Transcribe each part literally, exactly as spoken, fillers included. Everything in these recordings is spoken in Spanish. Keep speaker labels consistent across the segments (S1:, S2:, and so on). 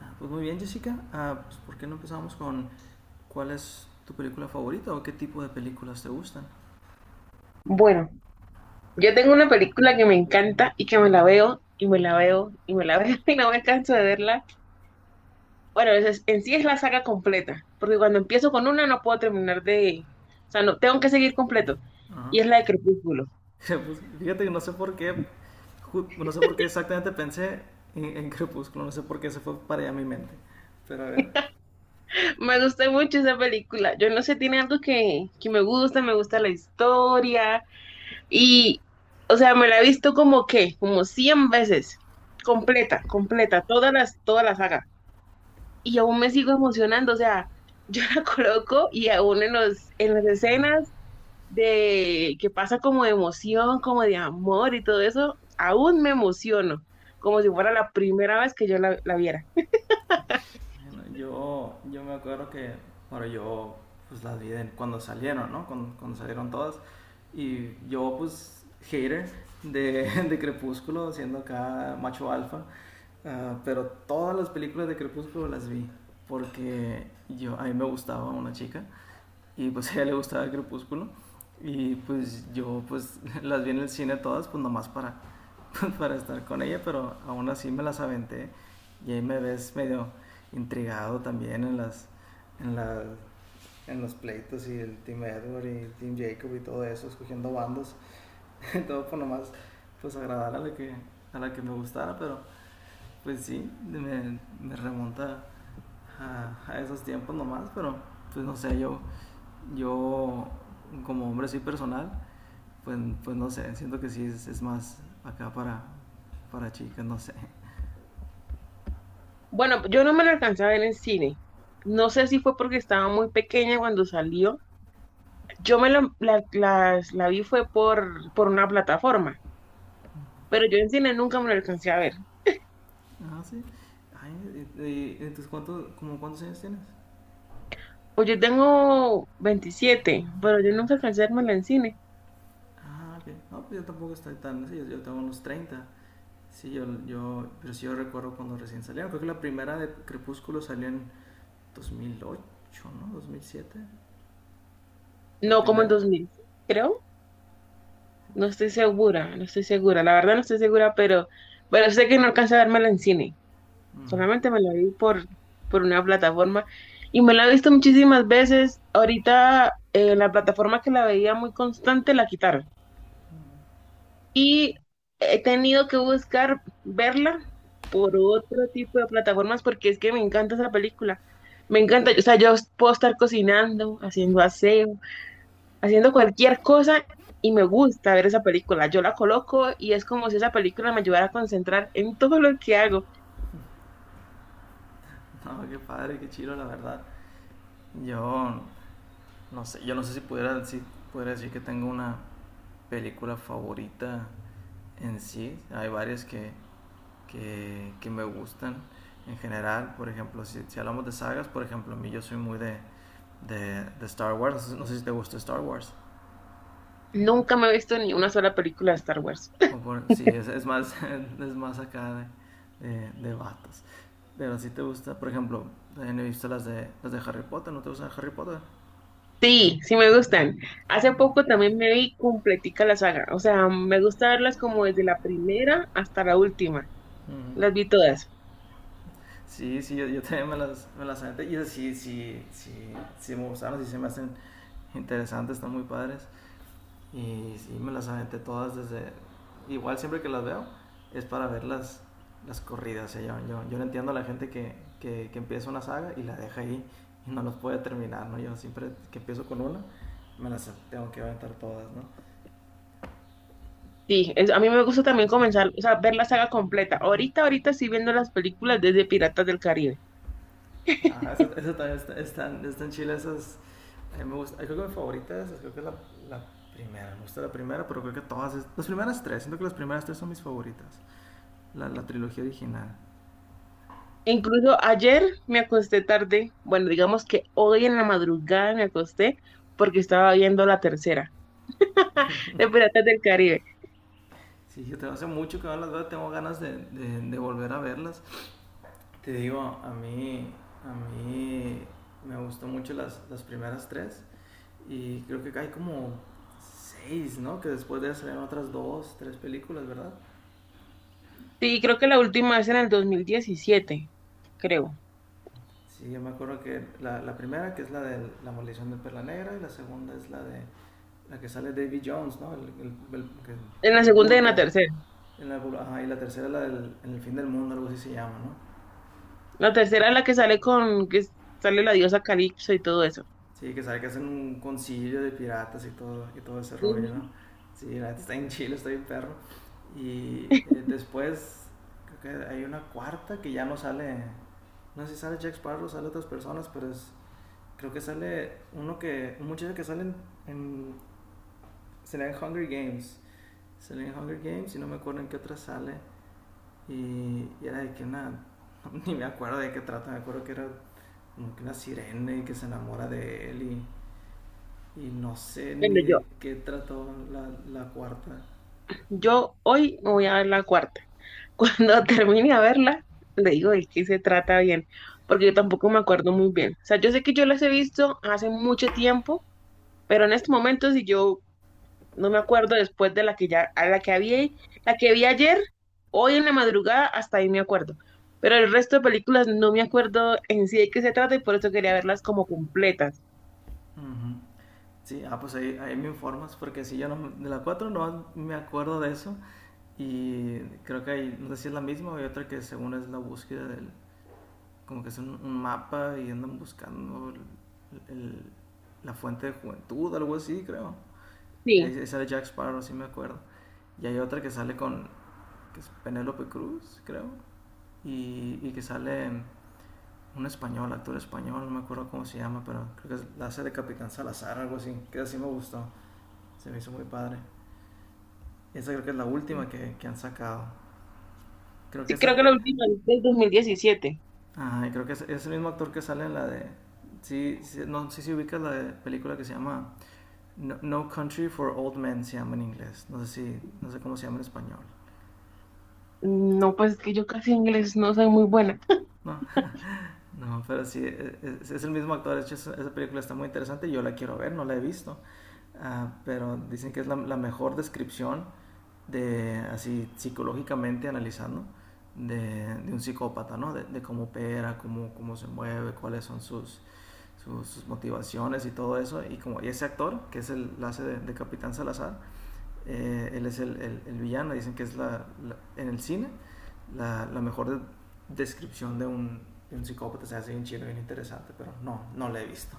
S1: Ah, pues muy bien, Jessica. Ah, pues, ¿por qué no empezamos con cuál es tu película favorita o qué tipo de películas te gustan?
S2: Bueno, yo tengo una película que me encanta y que me la veo y me la veo y me la veo y no me canso de verla. Bueno, es- es- en sí es la saga completa, porque cuando empiezo con una no puedo terminar de... O sea, no, tengo que seguir completo.
S1: Ajá.
S2: Y es la de Crepúsculo.
S1: Pues, fíjate que no sé por qué, ju- no sé por qué exactamente pensé en, en Crepúsculo, no sé por qué se fue para allá mi mente. Pero a ver.
S2: Me gusta mucho esa película. Yo no sé, tiene algo que, que me gusta, me gusta la historia. Y, o sea, me la he visto como que, como cien veces. Completa, completa, todas las, toda la saga. Y aún me sigo emocionando, o sea, yo la coloco y aún en los, en las escenas de que pasa como de emoción, como de amor y todo eso, aún me emociono, como si fuera la primera vez que yo la, la viera.
S1: Bueno, yo, yo me acuerdo que, bueno, yo pues las vi cuando salieron, ¿no? Cuando, cuando salieron todas. Y yo pues hater de, de Crepúsculo, siendo acá macho alfa. Ah, pero todas las películas de Crepúsculo las vi porque yo, a mí me gustaba una chica y pues a ella le gustaba el Crepúsculo. Y pues yo pues las vi en el cine todas, pues nomás para, para estar con ella, pero aún así me las aventé. Y ahí me ves medio intrigado también en las en la, en los pleitos y el Team Edward y el Team Jacob y todo eso, escogiendo bandos, todo por nomás pues agradar a la que a la que me gustara, pero pues sí, me, me remonta a, a, esos tiempos nomás, pero pues no sé, yo yo como hombre soy personal, pues, pues, no sé, siento que sí es, es, más acá para, para chicas, no sé.
S2: Bueno, yo no me la alcancé a ver en cine. No sé si fue porque estaba muy pequeña cuando salió. Yo me la, la, las- la vi fue por, por una plataforma, pero yo en cine nunca me la alcancé a ver.
S1: Ah, sí. Ay, y eh, entonces, ¿cuánto, como cuántos años tienes?
S2: Pues yo tengo veintisiete pero yo nunca alcancé a verme en cine.
S1: Ah, ok. No, pues yo tampoco estoy tan, sí, yo, yo tengo unos treinta. Sí, yo, yo, pero sí yo recuerdo cuando recién salieron. Creo que la primera de Crepúsculo salió en dos mil ocho, ¿no? Dos mil siete. La
S2: No, como en
S1: primera.
S2: dos mil, creo. No estoy segura, no estoy segura. La verdad no estoy segura, pero, pero sé que no alcancé a vérmela en cine. Solamente me la vi por, por una plataforma y me la he visto muchísimas veces. Ahorita eh, la plataforma que la veía muy constante la quitaron. Y he tenido que buscar verla por otro tipo de plataformas porque es que me encanta esa película. Me encanta, o sea, yo puedo estar cocinando, haciendo aseo, haciendo cualquier cosa y me gusta ver esa película. Yo la coloco y es como si esa película me ayudara a concentrar en todo lo que hago.
S1: No, qué padre, qué chido, la verdad. Yo no sé, yo no sé si pudiera, si pudiera decir que tengo una película favorita en sí. Hay varias que, que, que me gustan en general. Por ejemplo, si, si, hablamos de sagas, por ejemplo, a mí yo soy muy de, de, de, Star Wars. No sé si te gusta Star Wars.
S2: Nunca me he visto ni una sola película de Star Wars.
S1: O por, sí, es, es, más, es más acá de, de, de vatos. Pero si te gusta, por ejemplo, he visto las de, las de Harry Potter. ¿No te gusta Harry Potter?
S2: Sí, sí me gustan. Hace poco también me vi completica la saga. O sea, me gusta verlas como desde la primera hasta la última.
S1: Uh -huh.
S2: Las vi todas.
S1: Sí, sí, yo, yo, también me las, me las aventé. Y sí, sí, sí, sí me gustaron, sí se me hacen interesantes, están muy padres. Y sí, me las aventé todas desde. Igual siempre que las veo, es para ver las, las corridas. O sea, yo, yo, yo no entiendo a la gente que, que, que empieza una saga y la deja ahí y no los puede terminar, ¿no? Yo siempre que empiezo con una, me las tengo que aventar todas, ¿no?
S2: Sí, es- a mí me gusta también comenzar, o sea, ver la saga completa. Ahorita, ahorita estoy viendo las películas desde Piratas del Caribe.
S1: Ah, eso, eso también está, están, están chilas esas. A mí me gusta, creo que mi favorita es, creo que es la, la primera, me gusta la primera, pero creo que todas, es- las primeras tres, siento que las primeras tres son mis favoritas, la, la trilogía original.
S2: Incluso ayer me acosté tarde, bueno, digamos que hoy en la madrugada me acosté porque estaba viendo la tercera, de Piratas del Caribe.
S1: Sí, yo tengo hace mucho que no las veo, tengo ganas de, de, de, volver a verlas. Te digo, a mí, a mí me gustó mucho las, las primeras tres y creo que hay como seis, ¿no? Que después de eso salieron otras dos, tres películas, ¿verdad?
S2: Sí, creo que la última es en el dos mil diecisiete, creo.
S1: Sí, yo me acuerdo que la, la, primera, que es la de La Maldición de Perla Negra, y la segunda es la de la que sale David Jones, ¿no? El, el, el,
S2: En la
S1: el el
S2: segunda y en la
S1: bulpo.
S2: tercera.
S1: En la, ajá, y la tercera es la del en el fin del mundo, algo así se llama, ¿no?
S2: La tercera es la que sale con, que sale la diosa Calipso y todo eso.
S1: Sí, que sabe que hacen un concilio de piratas y todo, y todo ese rollo, ¿no?
S2: Ujú.
S1: Sí, la neta está en Chile, está bien perro. Y eh, después creo que hay una cuarta que ya no sale, no sé si sale Jack Sparrow, sale otras personas, pero es, creo que sale uno que, un muchacho que sale en, en sale en Hunger Games, sale en Hunger Games y no me acuerdo en qué otra sale. Y, y era de que una, ni me acuerdo de qué trata, me acuerdo que era como que una sirena y que se enamora de él y Y no sé
S2: Bueno,
S1: ni
S2: yo,
S1: de qué trató la, la cuarta.
S2: yo hoy me voy a ver la cuarta. Cuando termine a verla, le digo de qué se trata bien, porque yo tampoco me acuerdo muy bien. O sea, yo sé que yo las he visto hace mucho tiempo. Pero en este momento, si yo no me acuerdo después de la que ya, a la que había, la que vi ayer, hoy en la madrugada, hasta ahí me acuerdo. Pero el resto de películas no me acuerdo en sí de qué se trata y por eso quería verlas como completas.
S1: Ujú. Sí, ah, pues ahí, ahí me informas, porque si yo no, de la cuatro no me acuerdo de eso. Y creo que hay, no sé si es la misma o hay otra que según es la búsqueda del, como que es un, un mapa y andan buscando el- el- la fuente de juventud, algo así, creo. Y ahí,
S2: Sí,
S1: ahí sale Jack Sparrow, sí me acuerdo. Y hay otra que sale con, que es Penélope Cruz, creo. Y, y que sale un español, actor español, no me acuerdo cómo se llama, pero creo que es la hace de Capitán Salazar, algo así, que así me gustó, se me hizo muy padre. Esa creo que es la última que, que han sacado. Creo que
S2: sí
S1: esa,
S2: creo que la
S1: eh,
S2: última es del dos mil diecisiete.
S1: ajá, y creo que es, es el mismo actor que sale en la de, sí, sí, no sé si ubicas la de- película que se llama no, No Country for Old Men, se llama en inglés, no sé si, no sé cómo se llama en español,
S2: No, pues es que yo casi en inglés no soy muy buena.
S1: ¿no? No, pero sí, e, e, es, es el mismo actor. De hecho, esa esa película está muy interesante. Y yo la quiero ver, no la he visto. Ah, pero dicen que es la, la mejor descripción de, así psicológicamente analizando, de, de, un psicópata, ¿no? De, de cómo opera, cómo, cómo se mueve, cuáles son sus, sus, sus motivaciones y todo eso. Y como y ese actor, que es el, la hace de, de, Capitán Salazar, eh, él es el, el, el, villano, dicen que es la, la en el cine la, la mejor descripción de un, de un psicópata. O se hace bien chido, bien interesante, pero no, no la he visto.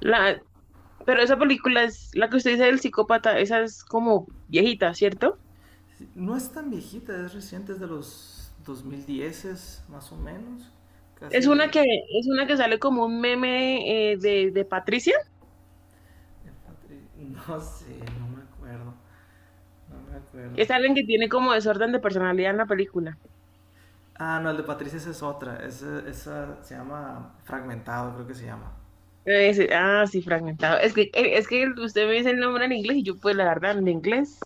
S2: La, pero esa película es la que usted dice del psicópata, esa es como viejita, ¿cierto?
S1: Sí, no es tan viejita, es reciente, es de los dos mil diez más o menos.
S2: Es una
S1: Casi.
S2: que, es una que sale como un meme eh, de, de Patricia.
S1: No sé, no me acuerdo. No me acuerdo.
S2: Es alguien que tiene como desorden de personalidad en la película.
S1: Ah, no, el de Patricia esa es otra. Esa, esa se llama Fragmentado, creo que se llama.
S2: Eh, sí, ah, sí, fragmentado. Es que, eh, es que usted me dice el nombre en inglés y yo, pues, la verdad, en inglés.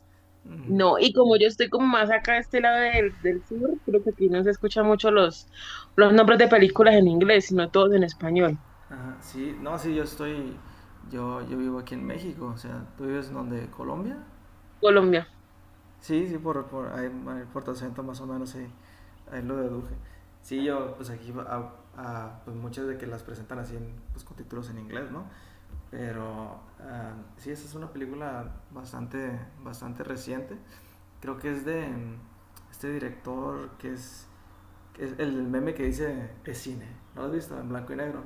S1: Uh -huh.
S2: No, y como yo estoy como más acá de este lado del, del sur, creo que aquí no se escuchan mucho los, los nombres de películas en inglés, sino todos en español.
S1: Ajá, sí, no, sí, yo estoy, yo, yo vivo aquí en México, o sea, ¿tú vives en donde? ¿Colombia?
S2: Colombia,
S1: Sí, sí, por, por, ahí, ahí por tu acento más o menos, sí, ahí lo deduje. Sí, yo, pues aquí, a, a- pues muchas de que las presentan así, en, pues con títulos en inglés, ¿no? Pero ah, sí, esa es una película bastante, bastante reciente. Creo que es de mm, este director que es, que es el meme que dice es cine, ¿no lo has visto? En blanco y negro.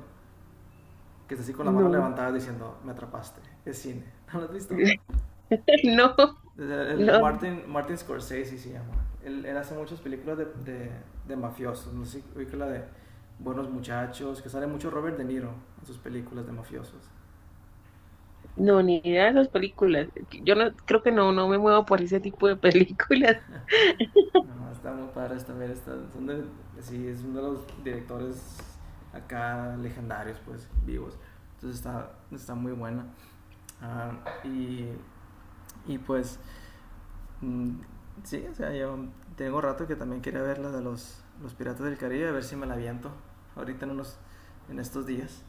S1: Que está así con la mano
S2: no,
S1: levantada diciendo, me atrapaste. Es cine. ¿No lo has visto?
S2: no,
S1: El, el
S2: no,
S1: Martin, Martin, Scorsese se llama. Él, él hace muchas películas de, de, de mafiosos. No sé, oí que la de Buenos Muchachos, que sale mucho Robert De Niro en sus películas de mafiosos.
S2: no, ni idea de esas películas. Yo no, creo que no, no me muevo por ese tipo de películas
S1: No, está muy padres también. Está, son de- sí, es uno de los directores acá legendarios, pues, vivos. Entonces está, está muy buena. Ah, y, y pues Mm, sí, o sea, yo tengo rato que también quería ver la de los, los Piratas del Caribe, a ver si me la aviento ahorita en, unos, en estos días.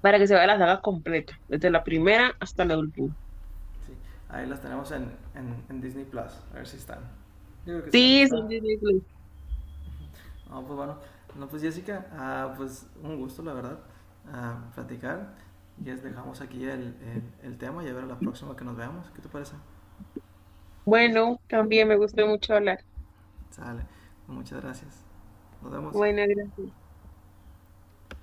S2: para que se vea la saga completa, desde la primera hasta la última.
S1: Sí, ahí las tenemos en, en, en Disney Plus, a ver si están. Yo creo que sí van a
S2: Sí, son
S1: estar.
S2: Disney Plus.
S1: No, pues bueno, no, pues Jessica, ah, pues un gusto, la verdad, ah, platicar. Y es dejamos aquí el, el, el tema y a ver a la próxima que nos veamos. ¿Qué te parece?
S2: Bueno, también me gustó mucho hablar.
S1: Sale. Muchas gracias. Nos vemos.
S2: Buenas, gracias.